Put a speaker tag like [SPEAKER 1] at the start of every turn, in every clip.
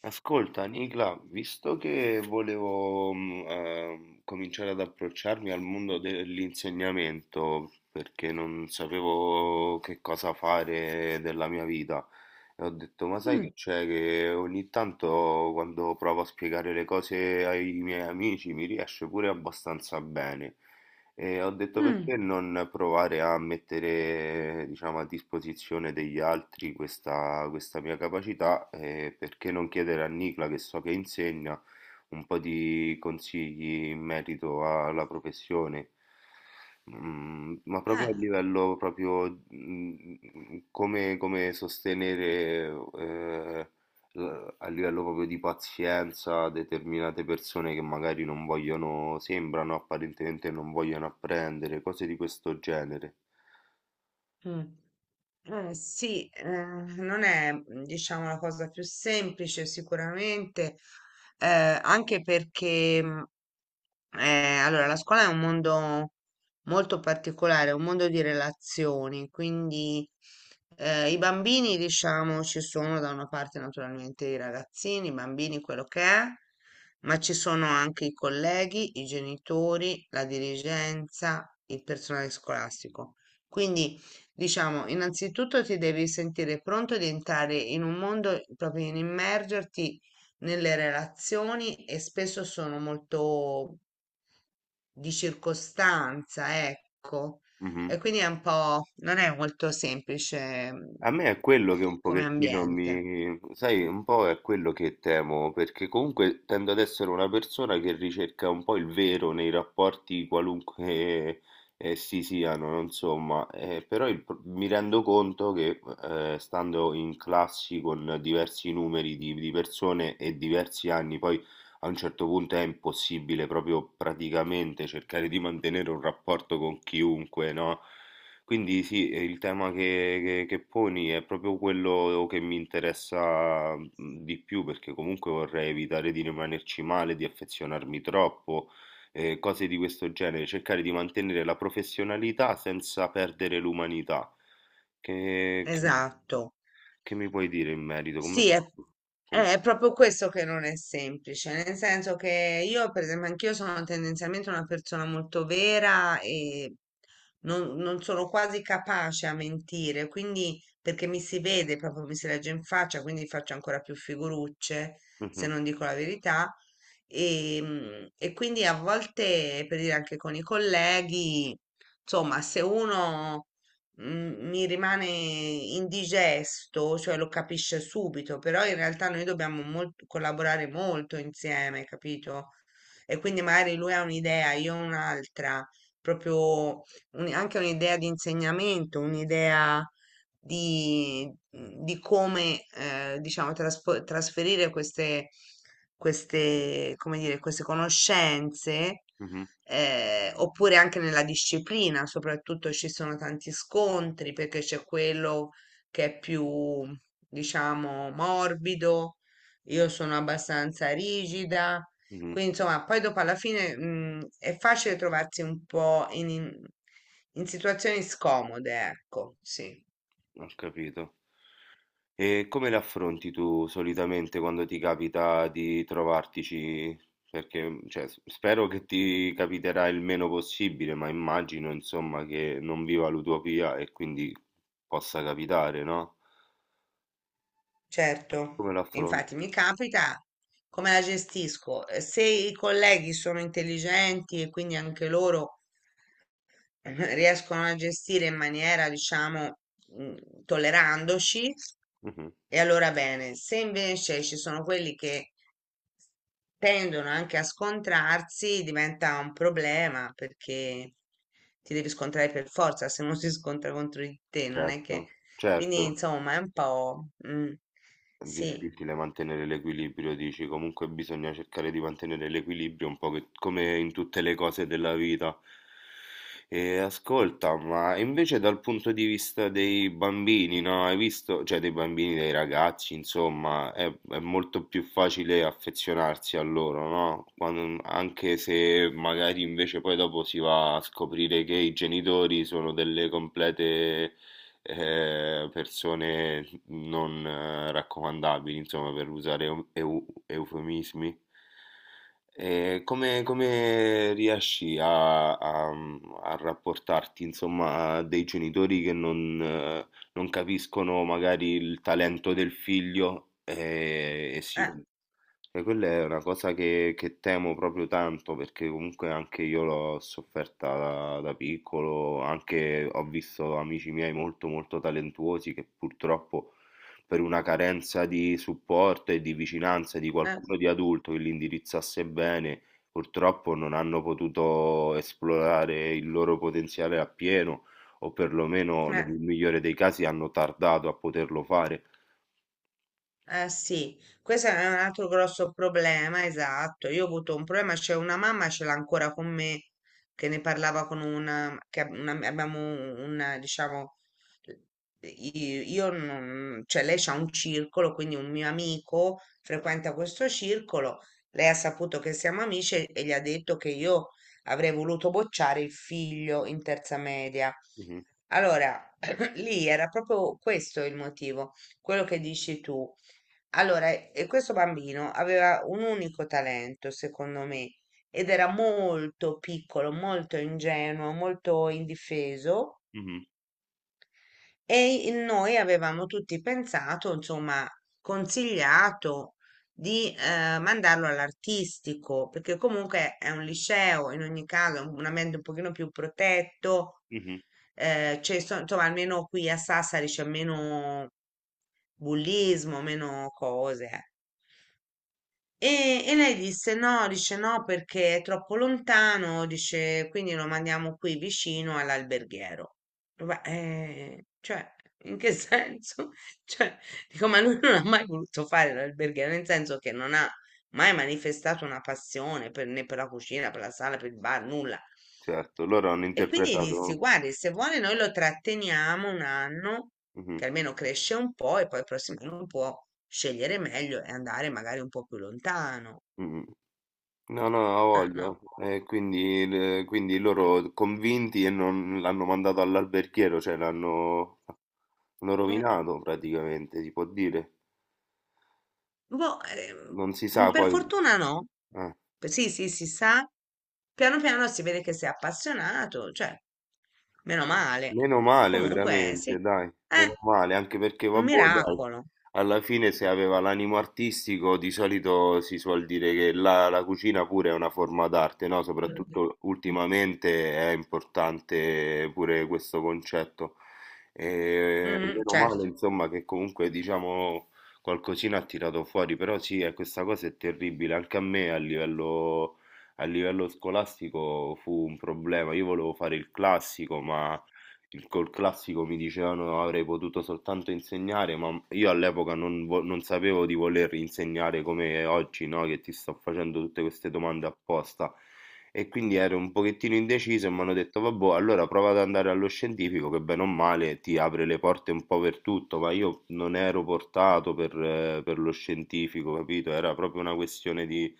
[SPEAKER 1] Ascolta, Nicla, visto che volevo cominciare ad approcciarmi al mondo dell'insegnamento, perché non sapevo che cosa fare della mia vita, e ho detto, ma sai che
[SPEAKER 2] Mh,
[SPEAKER 1] c'è che ogni tanto quando provo a spiegare le cose ai miei amici mi riesce pure abbastanza bene. E ho detto
[SPEAKER 2] mh,
[SPEAKER 1] perché non provare a mettere, diciamo, a disposizione degli altri questa mia capacità e perché non chiedere a Nicla, che so che insegna, un po' di consigli in merito alla professione. Ma proprio a
[SPEAKER 2] eh,
[SPEAKER 1] livello come, come sostenere a livello proprio di pazienza, determinate persone che magari non vogliono, sembrano apparentemente non vogliono apprendere, cose di questo genere.
[SPEAKER 2] mh. Sì, non è, diciamo, la cosa più semplice sicuramente, eh, anche perché, allora, la scuola è un mondo molto particolare, è un mondo di relazioni, quindi i bambini, diciamo, ci sono da una parte naturalmente i ragazzini, i bambini, quello che è, ma ci sono anche i colleghi, i genitori, la dirigenza, il personale scolastico. Quindi, diciamo, innanzitutto ti devi sentire pronto di entrare in un mondo, proprio in immergerti nelle relazioni e spesso sono molto di circostanza, ecco. E
[SPEAKER 1] Mhm.
[SPEAKER 2] quindi è un po', non è molto semplice
[SPEAKER 1] A me è quello che un
[SPEAKER 2] come
[SPEAKER 1] pochettino
[SPEAKER 2] ambiente.
[SPEAKER 1] mi... sai, un po' è quello che temo, perché comunque tendo ad essere una persona che ricerca un po' il vero nei rapporti qualunque essi siano, no? Insomma, però mi rendo conto che stando in classi con diversi numeri di persone e diversi anni, poi a un certo punto è impossibile proprio praticamente cercare di mantenere un rapporto con chiunque, no? Quindi sì, il tema che poni è proprio quello che mi interessa di più, perché comunque vorrei evitare di rimanerci male, di affezionarmi troppo, cose di questo genere, cercare di mantenere la professionalità senza perdere l'umanità. Che, che-
[SPEAKER 2] Esatto.
[SPEAKER 1] che mi puoi dire in merito? Come
[SPEAKER 2] Sì,
[SPEAKER 1] faccio? Com-
[SPEAKER 2] è proprio questo che non è semplice, nel senso che io, per esempio, anch'io sono tendenzialmente una persona molto vera e non sono quasi capace a mentire, quindi perché mi si vede, proprio mi si legge in faccia, quindi faccio ancora più figurucce se
[SPEAKER 1] Mhm,
[SPEAKER 2] non dico la verità. E quindi a volte, per dire anche con i colleghi, insomma, se uno mi rimane indigesto, cioè lo capisce subito, però in realtà noi dobbiamo collaborare molto insieme, capito? E quindi magari lui ha un'idea, io un'altra, proprio anche un'idea di insegnamento, un'idea di come diciamo trasferire queste, come dire, queste conoscenze
[SPEAKER 1] mhm,
[SPEAKER 2] oppure anche nella disciplina, soprattutto ci sono tanti scontri perché c'è quello che è più diciamo morbido, io sono abbastanza rigida.
[SPEAKER 1] mhm,
[SPEAKER 2] Quindi, insomma, poi dopo alla fine, è facile trovarsi un po' in situazioni scomode, ecco, sì.
[SPEAKER 1] ho capito. E come le affronti tu solitamente quando ti capita di trovartici? Perché, cioè, spero che ti capiterà il meno possibile, ma immagino, insomma, che non viva l'utopia e quindi possa capitare, no?
[SPEAKER 2] Certo,
[SPEAKER 1] Come l'affronti?
[SPEAKER 2] infatti mi capita come la gestisco. Se i colleghi sono intelligenti e quindi anche loro riescono a gestire in maniera, diciamo, mm, tollerandoci,
[SPEAKER 1] Mhm.
[SPEAKER 2] e allora bene. Se invece ci sono quelli che tendono anche a scontrarsi, diventa un problema perché ti devi scontrare per forza, se non si scontra contro di te, non è che...
[SPEAKER 1] Certo,
[SPEAKER 2] Quindi,
[SPEAKER 1] certo.
[SPEAKER 2] insomma, è un po',
[SPEAKER 1] È
[SPEAKER 2] sì.
[SPEAKER 1] difficile mantenere l'equilibrio, dici, comunque bisogna cercare di mantenere l'equilibrio un po' come in tutte le cose della vita. E ascolta, ma invece dal punto di vista dei bambini, no? Hai visto? Cioè dei bambini, dei ragazzi, insomma, è molto più facile affezionarsi a loro, no? Anche se magari invece poi dopo si va a scoprire che i genitori sono delle complete persone non raccomandabili, insomma, per usare eufemismi. E come, come riesci a, a rapportarti, insomma, a dei genitori che non, non capiscono magari il talento del figlio e si...
[SPEAKER 2] Eh,
[SPEAKER 1] E quella è una cosa che temo proprio tanto perché comunque anche io l'ho sofferta da, da piccolo, anche ho visto amici miei molto molto talentuosi che purtroppo per una carenza di supporto e di vicinanza di
[SPEAKER 2] eh,
[SPEAKER 1] qualcuno di adulto che li indirizzasse bene, purtroppo non hanno potuto esplorare il loro potenziale appieno, o perlomeno
[SPEAKER 2] eh.
[SPEAKER 1] nel migliore dei casi hanno tardato a poterlo fare.
[SPEAKER 2] Eh sì, questo è un altro grosso problema, esatto. Io ho avuto un problema, c'è una mamma, ce l'ha ancora con me, che ne parlava con una, che abbiamo una, diciamo, io, non, cioè lei c'ha un circolo, quindi un mio amico frequenta questo circolo, lei ha saputo che siamo amici e gli ha detto che io avrei voluto bocciare il figlio in terza media.
[SPEAKER 1] Mh-mh,
[SPEAKER 2] Allora, lì era proprio questo il motivo, quello che dici tu allora, e questo bambino aveva un unico talento, secondo me, ed era molto piccolo, molto ingenuo, molto indifeso
[SPEAKER 1] mh-mh,
[SPEAKER 2] e noi avevamo tutti pensato, insomma, consigliato di mandarlo all'artistico, perché comunque è un liceo, in ogni caso, è un ambiente un pochino più protetto,
[SPEAKER 1] mh-mh,
[SPEAKER 2] c'è, insomma, almeno qui a Sassari c'è meno bullismo, meno cose. Eh. E lei disse no, dice no perché è troppo lontano, dice quindi lo mandiamo qui vicino all'alberghiero. Ma, cioè, in che senso? Cioè, dico, ma lui non ha mai voluto fare l'alberghiero, nel senso che non ha mai manifestato una passione per, né per la cucina, per la sala, per il bar, nulla.
[SPEAKER 1] certo, loro hanno
[SPEAKER 2] E quindi dissi,
[SPEAKER 1] interpretato
[SPEAKER 2] guardi, se vuole noi lo tratteniamo un anno,
[SPEAKER 1] mh-mh,
[SPEAKER 2] che almeno cresce un po' e poi il prossimo anno può scegliere meglio e andare magari un po' più lontano.
[SPEAKER 1] mh-mh. No, no, ha
[SPEAKER 2] Ah,
[SPEAKER 1] voglia.
[SPEAKER 2] no.
[SPEAKER 1] E quindi, quindi loro convinti e non l'hanno mandato all'alberghiero, cioè l'hanno l'hanno
[SPEAKER 2] Eh,
[SPEAKER 1] rovinato praticamente, si può dire.
[SPEAKER 2] boh,
[SPEAKER 1] Non si sa
[SPEAKER 2] per
[SPEAKER 1] poi.
[SPEAKER 2] fortuna no.
[SPEAKER 1] Eh.
[SPEAKER 2] Sì, sì, si sa. Piano piano si vede che sei appassionato, cioè, meno male.
[SPEAKER 1] Meno male
[SPEAKER 2] Comunque, sì,
[SPEAKER 1] veramente, dai,
[SPEAKER 2] è
[SPEAKER 1] meno male, anche perché
[SPEAKER 2] un
[SPEAKER 1] vabbè, dai,
[SPEAKER 2] miracolo.
[SPEAKER 1] alla fine se aveva l'animo artistico di solito si suol dire che la cucina pure è una forma d'arte, no?
[SPEAKER 2] Mm.
[SPEAKER 1] Soprattutto ultimamente è importante pure questo concetto. E
[SPEAKER 2] Mhm,
[SPEAKER 1] meno
[SPEAKER 2] certo,
[SPEAKER 1] male, insomma, che comunque diciamo qualcosina ha tirato fuori, però sì, questa cosa è terribile, anche a me a livello... A livello scolastico fu un problema, io volevo fare il classico, ma col classico mi dicevano avrei potuto soltanto insegnare, ma io all'epoca non, non sapevo di voler insegnare come oggi, no? Che ti sto facendo tutte queste domande apposta. E quindi ero un pochettino indeciso e mi hanno detto, vabbè, allora prova ad andare allo scientifico che bene o male ti apre le porte un po' per tutto, ma io non ero portato per lo scientifico, capito? Era proprio una questione di,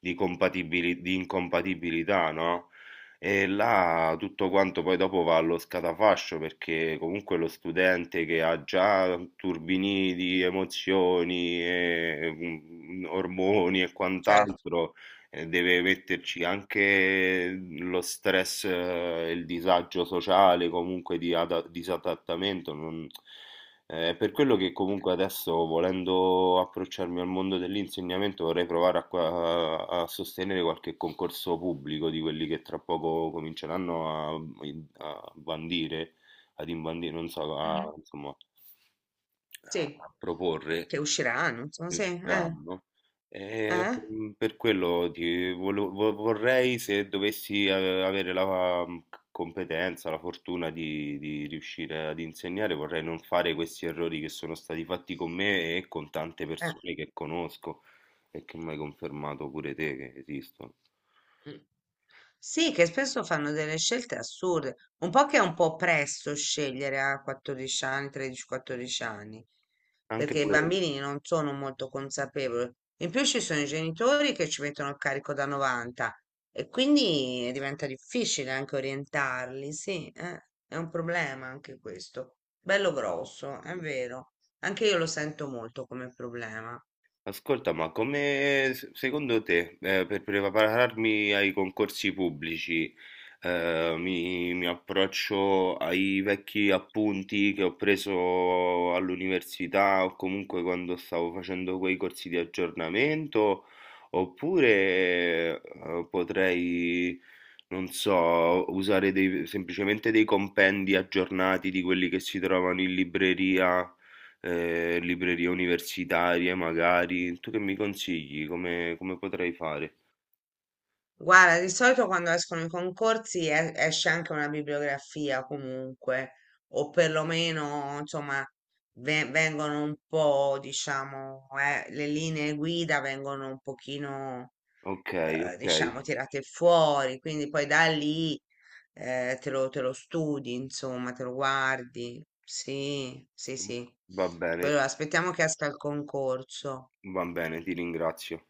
[SPEAKER 1] di incompatibilità, no? E là tutto quanto poi dopo va allo scatafascio perché comunque lo studente che ha già turbini di emozioni, e ormoni e
[SPEAKER 2] certo.
[SPEAKER 1] quant'altro, deve metterci anche lo stress e il disagio sociale, comunque di disadattamento. Eh, per quello che comunque adesso, volendo approcciarmi al mondo dell'insegnamento, vorrei provare a, a sostenere qualche concorso pubblico di quelli che tra poco cominceranno a, a bandire, ad imbandire, non so, a,
[SPEAKER 2] Mhm.
[SPEAKER 1] insomma,
[SPEAKER 2] Sì,
[SPEAKER 1] a proporre.
[SPEAKER 2] che usciranno, insomma, sì,
[SPEAKER 1] Il danno. Eh,
[SPEAKER 2] eh,
[SPEAKER 1] mm, per quello ti vorrei se dovessi avere la competenza, la fortuna di riuscire ad insegnare, vorrei non fare questi errori che sono stati fatti con me e con tante
[SPEAKER 2] eh.
[SPEAKER 1] persone che conosco e che mi hai confermato pure te che esistono.
[SPEAKER 2] Mm. Sì, che spesso fanno delle scelte assurde, un po' che è un po' presto scegliere a 14 anni, 13-14 anni,
[SPEAKER 1] Anche
[SPEAKER 2] perché i
[SPEAKER 1] quello.
[SPEAKER 2] bambini non sono molto consapevoli. In più ci sono i genitori che ci mettono il carico da 90 e quindi diventa difficile anche orientarli, sì, è un problema anche questo, bello grosso, è vero, anche io lo sento molto come problema.
[SPEAKER 1] Ascolta, ma come secondo te, per prepararmi ai concorsi pubblici, mi, mi approccio ai vecchi appunti che ho preso all'università o comunque quando stavo facendo quei corsi di aggiornamento, oppure, potrei, non so, usare semplicemente dei compendi aggiornati di quelli che si trovano in libreria? Eh, librerie universitarie magari. Tu che mi consigli? Come, come potrei fare?
[SPEAKER 2] Guarda, di solito quando escono i concorsi esce anche una bibliografia comunque, o perlomeno, insomma, vengono un po', diciamo, le linee guida vengono un pochino,
[SPEAKER 1] Ok, ok.
[SPEAKER 2] diciamo, tirate fuori, quindi poi da lì, te lo studi, insomma, te lo guardi. Sì, sì, sì.
[SPEAKER 1] Va bene,
[SPEAKER 2] Quello, aspettiamo che esca il concorso.
[SPEAKER 1] va bene, ti ringrazio.